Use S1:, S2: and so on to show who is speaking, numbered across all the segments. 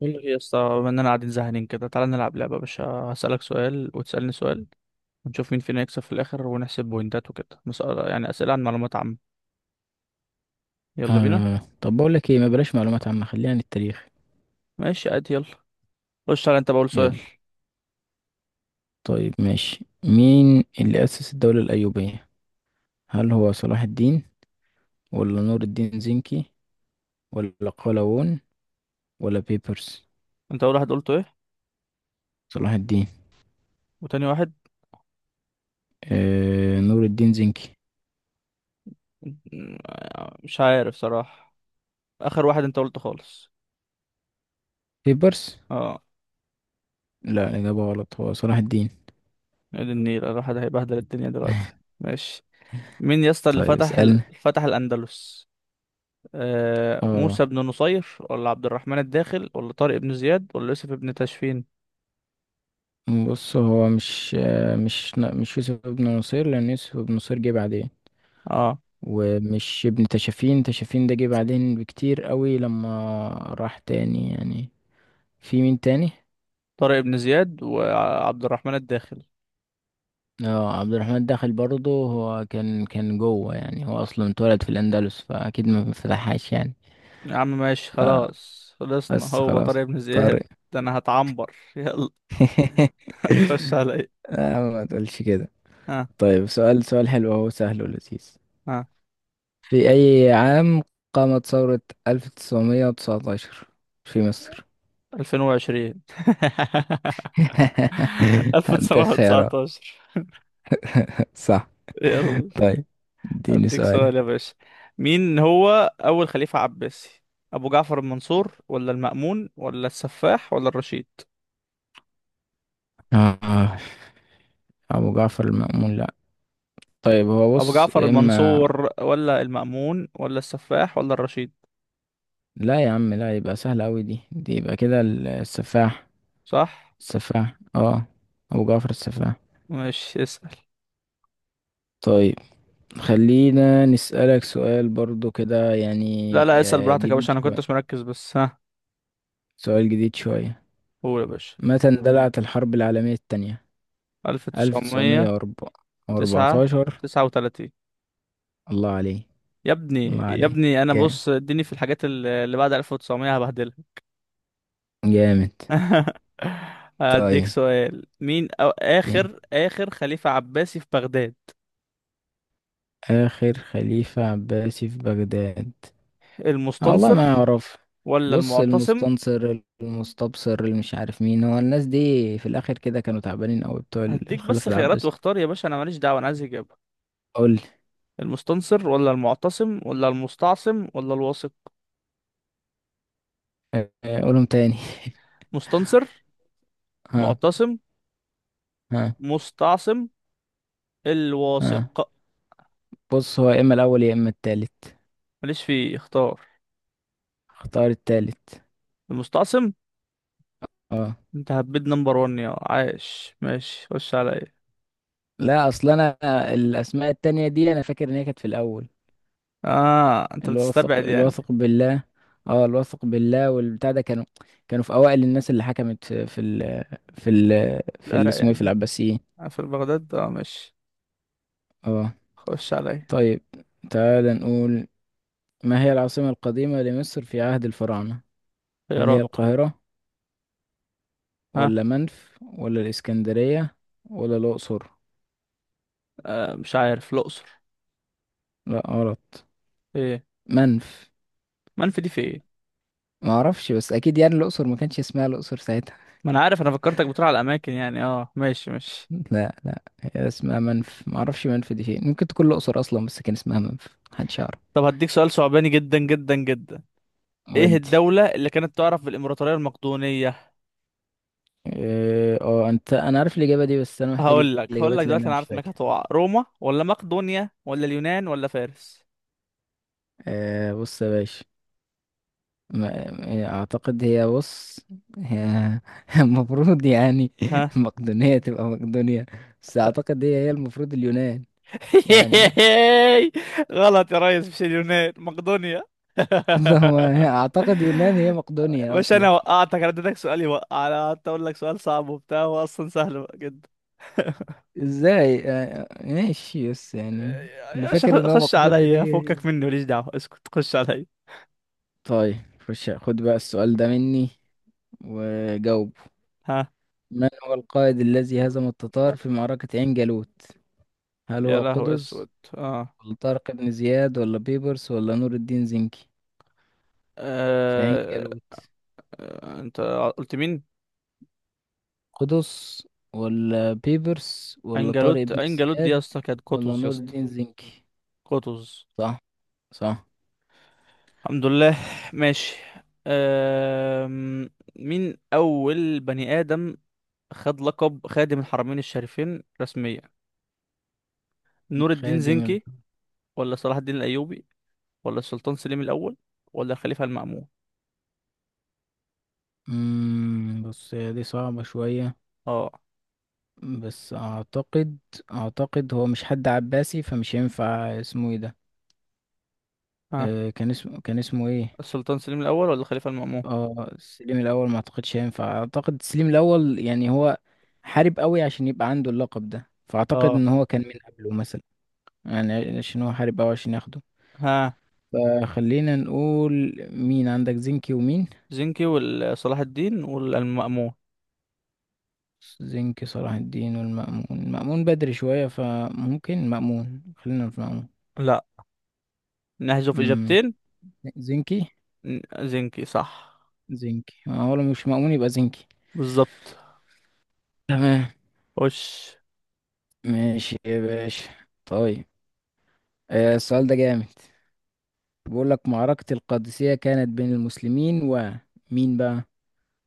S1: بقول لك ايه يا اسطى، بما اننا قاعدين زهقانين كده تعالى نلعب لعبه يا باشا. هسألك سؤال وتسألني سؤال ونشوف مين فينا يكسب في الاخر ونحسب بوينتات وكده، مسألة يعني اسئله عن معلومات عامه. يلا بينا.
S2: آه. طب بقول لك ايه، ما بلاش معلومات عامة، خلينا عن التاريخ.
S1: ماشي عادي يلا. خش تعالى انت بقول سؤال.
S2: يلا. طيب ماشي، مين اللي أسس الدولة الأيوبية؟ هل هو صلاح الدين، ولا نور الدين زنكي، ولا قلاوون، ولا بيبرس؟
S1: انت اول واحد قلته ايه؟
S2: صلاح الدين.
S1: وتاني واحد؟
S2: آه. نور الدين زنكي.
S1: م- مش عارف صراحه. اخر واحد انت قلته خالص؟
S2: بيبرس.
S1: اه.
S2: لا، الإجابة غلط، هو صلاح الدين.
S1: يا دي النيل، الواحد هيبهدل الدنيا دلوقتي ماشي. مين يا اسطى اللي
S2: طيب
S1: فتح
S2: اسألني.
S1: فتح الاندلس؟ آه،
S2: اه
S1: موسى بن نصير ولا عبد الرحمن الداخل ولا طارق بن زياد ولا يوسف بن تاشفين.
S2: بص، هو مش آه، مش مش يوسف بن نصير، لأن يوسف بن نصير جه بعدين.
S1: اه
S2: ومش ابن تشافين ده جه بعدين بكتير قوي لما راح تاني يعني. في مين تاني؟
S1: طارق بن زياد وعبد الرحمن الداخل.
S2: اه، عبد الرحمن داخل برضه هو كان جوه يعني. هو اصلا اتولد في الاندلس، فاكيد ما فتحهاش يعني.
S1: يا عم ماشي خلاص، خلصنا،
S2: بس
S1: هو
S2: خلاص،
S1: طارق بن
S2: طارق.
S1: زياد. ده انا هتعنبر يلا خش عليا.
S2: آه، ما تقولش كده.
S1: ها.
S2: طيب سؤال، سؤال حلو اهو سهل ولذيذ.
S1: ها.
S2: في اي عام قامت ثورة 1919 في مصر؟
S1: 2020.
S2: هدي خيارات.
S1: 1919.
S2: صح.
S1: يلا.
S2: طيب، اديني
S1: هديك سؤال
S2: سؤالك.
S1: يا باشا. مين هو اول خليفة عباسي؟ ابو جعفر المنصور ولا المأمون ولا السفاح ولا الرشيد؟
S2: آه، أبو جعفر المأمون لأ. طيب هو
S1: ابو
S2: بص
S1: جعفر
S2: يا إما،
S1: المنصور ولا المأمون ولا السفاح ولا الرشيد؟
S2: لا يا عم لا، يبقى سهلة أوي، دي يبقى كده السفاح.
S1: صح.
S2: السفاح، اه. أبو جعفر السفاح.
S1: ماشي اسأل.
S2: طيب خلينا نسألك سؤال برضو كده
S1: لا
S2: يعني،
S1: لا، اسأل براحتك يا
S2: جديد
S1: باشا، انا
S2: شوية.
S1: كنتش مركز بس. ها
S2: سؤال جديد شوية.
S1: قول يا باشا.
S2: متى اندلعت الحرب العالمية التانية؟ ألف تسعمية
S1: 1909.
S2: وأربعتاشر.
S1: 39.
S2: الله عليه.
S1: يا
S2: الله
S1: ابني يا
S2: عليه،
S1: ابني، انا
S2: جامد
S1: بص اديني في الحاجات اللي بعد 1900 هبهدلها.
S2: جامد.
S1: هديك
S2: طيب،
S1: سؤال. مين أو
S2: دي.
S1: اخر اخر خليفة عباسي في بغداد؟
S2: آخر خليفة عباسي في بغداد. آه والله
S1: المستنصر
S2: ما أعرف.
S1: ولا
S2: بص،
S1: المعتصم.
S2: المستنصر، المستبصر، اللي مش عارف مين هو، الناس دي في الآخر كده كانوا تعبانين أوي، بتوع
S1: هديك بس
S2: الخلافة
S1: خيارات
S2: العباسي.
S1: واختار يا باشا، انا ماليش دعوة، انا عايز اجابة.
S2: قول.
S1: المستنصر ولا المعتصم ولا المستعصم ولا الواثق؟
S2: آه، قولهم تاني.
S1: مستنصر.
S2: ها.
S1: معتصم.
S2: ها.
S1: مستعصم.
S2: ها.
S1: الواثق.
S2: بص، هو يا إما الأول يا إما التالت.
S1: ماليش فيه، اختار.
S2: اختار التالت.
S1: المستعصم.
S2: اه،
S1: انت هبيت نمبر ون يا عايش. ماشي خش عليا.
S2: لا أصل أنا الأسماء التانية دي أنا فاكر إن هي كانت في الأول.
S1: اه انت
S2: الواثق،
S1: بتستبعد يعني.
S2: الواثق بالله. اه، الواثق بالله والبتاع ده كانوا كانوا في اوائل الناس اللي حكمت في في ال في ال في اللي
S1: العراق
S2: اسمه ايه، في
S1: يعني.
S2: العباسيين.
S1: آه، في بغداد اه ماشي.
S2: اه.
S1: خش عليا.
S2: طيب تعال نقول، ما هي العاصمة القديمة لمصر في عهد الفراعنة؟ هل هي
S1: خيارات.
S2: القاهرة،
S1: ها.
S2: ولا منف، ولا الإسكندرية، ولا الأقصر؟
S1: آه، مش عارف الاقصر.
S2: لا غلط.
S1: ايه؟
S2: منف.
S1: منفي دي في ايه؟
S2: ما اعرفش، بس اكيد يعني الاقصر ما كانش اسمها الاقصر ساعتها.
S1: ما انا عارف، انا فكرتك بتقول على الاماكن يعني. اه ماشي ماشي.
S2: لا لا، هي اسمها منف. ما اعرفش منف دي فين، ممكن تكون الاقصر اصلا بس كان اسمها منف، محدش يعرف.
S1: طب هديك سؤال صعباني جدا جدا جدا. ايه
S2: ودي.
S1: الدولة اللي كانت تعرف بالامبراطورية المقدونية؟
S2: اه، انا عارف الاجابه دي، بس انا محتاج
S1: هقول لك
S2: الاجابات لان
S1: دلوقتي،
S2: انا
S1: انا
S2: مش
S1: عارف انك
S2: فاكر.
S1: هتقع. روما ولا مقدونيا ولا اليونان ولا فارس؟
S2: أه بص يا باشا، اعتقد هي، بص، هي المفروض يعني
S1: ها.
S2: مقدونيه تبقى مقدونيا. بس اعتقد هي المفروض اليونان. يعني
S1: غلط يا ريس، مش اليونان، مقدونيا.
S2: هو اعتقد يونان هي مقدونيا
S1: مش
S2: اصلا.
S1: انا وقعتك، انا اديتك سؤال يوقع، انا قعدت اقول لك سؤال صعب وبتاع هو اصلا سهل جدا.
S2: ازاي؟ ماشي بس يعني اللي
S1: يا باشا
S2: فاكر ان هو
S1: خش
S2: مقدونيا دي.
S1: عليا، فكك مني ماليش دعوه، اسكت خش عليا.
S2: طيب خش، خد بقى السؤال ده مني وجاوب.
S1: ها.
S2: من هو القائد الذي هزم التتار في معركة عين جالوت؟ هل
S1: يا
S2: هو
S1: لهو اسود.
S2: قطز،
S1: اه.
S2: ولا طارق بن زياد، ولا بيبرس، ولا نور الدين زنكي؟ في عين
S1: آه،
S2: جالوت.
S1: انت قلت مين؟
S2: قطز، ولا بيبرس، ولا طارق
S1: انجلوت
S2: بن
S1: انجلوت دي يا
S2: زياد،
S1: اسطى كانت
S2: ولا
S1: قطز يا
S2: نور
S1: اسطى.
S2: الدين زنكي.
S1: قطز.
S2: صح، صح.
S1: الحمد لله. ماشي. أم... مين أول بني آدم خد لقب خادم الحرمين الشريفين رسميا؟ نور الدين
S2: خادم ال...
S1: زنكي ولا صلاح الدين الأيوبي ولا السلطان سليم الأول ولا الخليفة المأمون؟
S2: بص، هي دي صعبة شوية.
S1: اه.
S2: بس أعتقد هو مش حد عباسي، فمش هينفع اسمه ايه ده.
S1: ها.
S2: أه، كان اسمه ايه.
S1: السلطان سليم الأول ولا الخليفة المأمون.
S2: اه، السليم الاول ما اعتقدش هينفع. اعتقد السليم الاول يعني هو حارب قوي عشان يبقى عنده اللقب ده، فاعتقد
S1: اه.
S2: ان هو كان من قبله مثلا. يعني عشان هو حارب قوي عشان ياخده.
S1: ها.
S2: فخلينا نقول، مين عندك؟ زنكي ومين؟
S1: زنكي وصلاح الدين والمأمون.
S2: زنكي، صلاح الدين، والمأمون. المأمون بدري شوية، فممكن مأمون، خلينا في مأمون.
S1: لا، نحذف
S2: امم
S1: إجابتين.
S2: زنكي.
S1: ن- زنكي صح.
S2: زنكي، هو لو مش مأمون يبقى زنكي.
S1: بالظبط.
S2: تمام.
S1: وش.
S2: ماشي يا باشا. طيب، السؤال ده جامد. بيقول لك معركة القادسية كانت بين المسلمين ومين بقى؟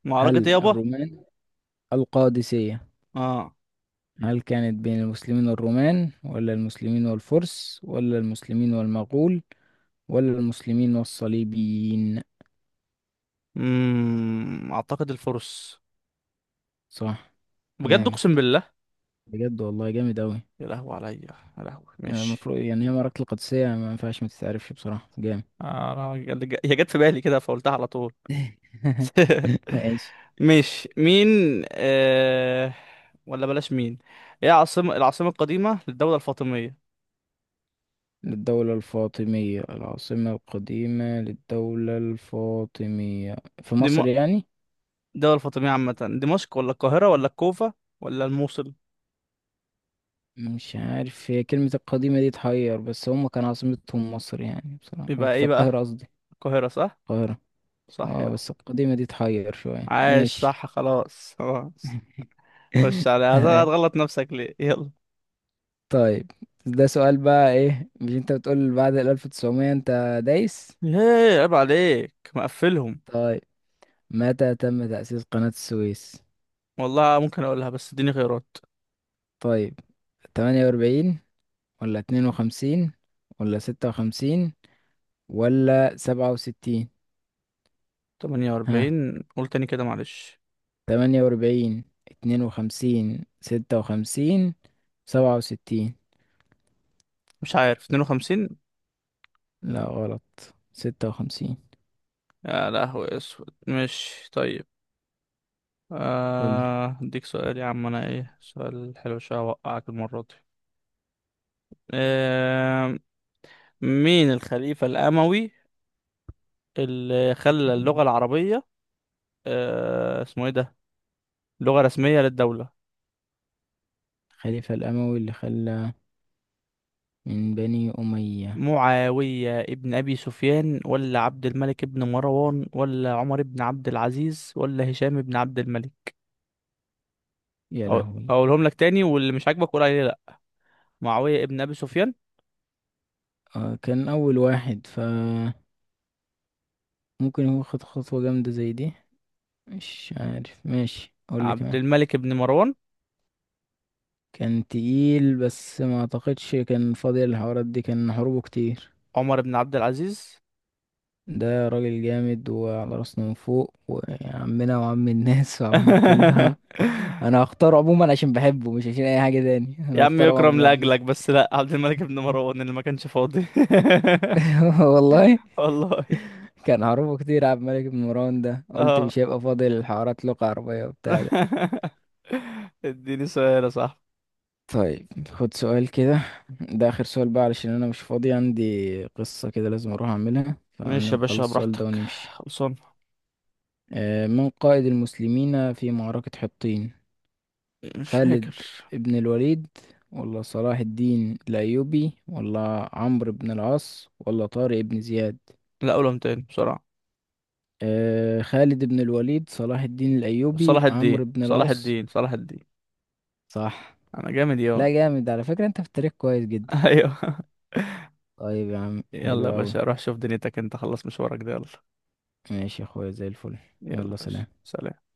S1: معركة
S2: هل
S1: يابا.
S2: الرومان؟ القادسية.
S1: اه.
S2: هل كانت بين المسلمين والرومان، ولا المسلمين والفرس، ولا المسلمين والمغول، ولا المسلمين والصليبيين؟
S1: امم، اعتقد الفرس.
S2: صح.
S1: بجد
S2: جامد.
S1: اقسم بالله.
S2: بجد والله جامد أوي.
S1: يا لهوي عليا. يا لهوي
S2: يعني
S1: ماشي.
S2: المفروض يعني هي معركة القادسية ما ينفعش ما تتعرفش بصراحة، جامد.
S1: آه، أنا هي جت في بالي كده فقلتها على طول.
S2: ماشي.
S1: ماشي مين. آه... ولا بلاش مين. ايه عاصمة العاصمة القديمة للدولة الفاطمية؟
S2: للدولة الفاطمية، العاصمة القديمة للدولة الفاطمية في
S1: دم...
S2: مصر يعني.
S1: الدولة الفاطمية عامة. دمشق ولا القاهرة ولا الكوفة ولا الموصل؟
S2: مش عارف، هي كلمة القديمة دي تحير، بس هم كان عاصمتهم مصر يعني، بصراحة
S1: يبقى
S2: في
S1: ايه بقى؟
S2: القاهرة قصدي.
S1: القاهرة صح.
S2: القاهرة.
S1: صح
S2: اه
S1: يا.
S2: بس القديمة دي تحير شوية.
S1: عاش
S2: ماشي.
S1: صح خلاص خلاص. خش على،
S2: تمام.
S1: هتغلط نفسك ليه؟ يلا.
S2: طيب، ده سؤال بقى ايه، مش انت بتقول بعد ال 1900 انت دايس؟
S1: ايه عيب عليك مقفلهم.
S2: طيب، متى تم تأسيس قناة السويس؟
S1: والله ممكن اقولها بس اديني خيارات.
S2: طيب، 48 ولا 52 ولا 56 ولا 67؟
S1: 48؟ قول تاني كده معلش.
S2: تمانية وأربعين، اتنين وخمسين، ستة وخمسين، سبعة وستين.
S1: مش عارف، 52.
S2: لا غلط، ستة وخمسين.
S1: يا لهوي اسود مش طيب.
S2: قولي.
S1: آه، اديك سؤال يا عم انا، ايه سؤال حلو شويه اوقعك المره دي. آه، مين الخليفه الاموي اللي خلى اللغه
S2: مم.
S1: العربيه، آه، اسمه ايه ده، لغه رسميه للدوله؟
S2: الخليفة الأموي اللي خلى، من بني أمية.
S1: معاويه ابن ابي سفيان ولا عبد الملك ابن مروان ولا عمر ابن عبد العزيز ولا هشام ابن عبد الملك؟
S2: يا
S1: أقول-
S2: لهوي.
S1: اقولهم لك تاني، واللي مش عاجبك قول عليه لا. معاوية ابن ابي سفيان.
S2: آه كان أول واحد، فممكن هو خد خطوة جامدة زي دي. مش عارف، ماشي قولي
S1: عبد
S2: كمان.
S1: الملك ابن مروان.
S2: كان تقيل، بس ما أعتقدش كان فاضي الحوارات دي، كان حروبه كتير.
S1: عمر ابن عبد العزيز.
S2: ده راجل جامد، وعلى راسنا من فوق وعمنا وعم الناس وعم الكل. انا انا هختاره عموما عشان بحبه، مش عشان اي حاجه تاني،
S1: يا
S2: انا
S1: عم
S2: هختار عمر
S1: يكرم
S2: بن عبد
S1: لاجلك،
S2: العزيز.
S1: بس لا، عبد الملك ابن مروان اللي ما كانش فاضي.
S2: والله.
S1: والله.
S2: كان عروضه كتير عبد الملك بن مروان ده، قلت
S1: اه.
S2: مش هيبقى فاضي للحوارات لغة عربية وبتاع ده.
S1: اديني سؤال يا صاحبي.
S2: طيب خد سؤال كده، ده آخر سؤال بقى علشان أنا مش فاضي، عندي قصة كده لازم أروح أعملها،
S1: ماشي يا باشا
S2: فنخلص السؤال ده
S1: براحتك،
S2: ونمشي.
S1: خلصان.
S2: من قائد المسلمين في معركة حطين؟
S1: مش
S2: خالد
S1: فاكر.
S2: بن الوليد، ولا صلاح الدين الأيوبي، ولا عمرو بن العاص، ولا طارق بن زياد؟
S1: لا، قولهم تاني بسرعة.
S2: أه خالد بن الوليد، صلاح الدين الأيوبي،
S1: صلاح الدين
S2: عمرو بن
S1: صلاح
S2: العاص.
S1: الدين صلاح الدين.
S2: صح.
S1: انا جامد
S2: لا
S1: يا.
S2: جامد على فكرة، انت في التاريخ كويس جدا.
S1: ايوه.
S2: طيب يا عم،
S1: يلا
S2: حلو
S1: يا
S2: أوي.
S1: باشا، روح شوف دنيتك، انت خلص مشوارك ده يلا.
S2: ماشي يا اخويا، زي الفل.
S1: يلا يا
S2: يلا
S1: باشا
S2: سلام.
S1: سلام.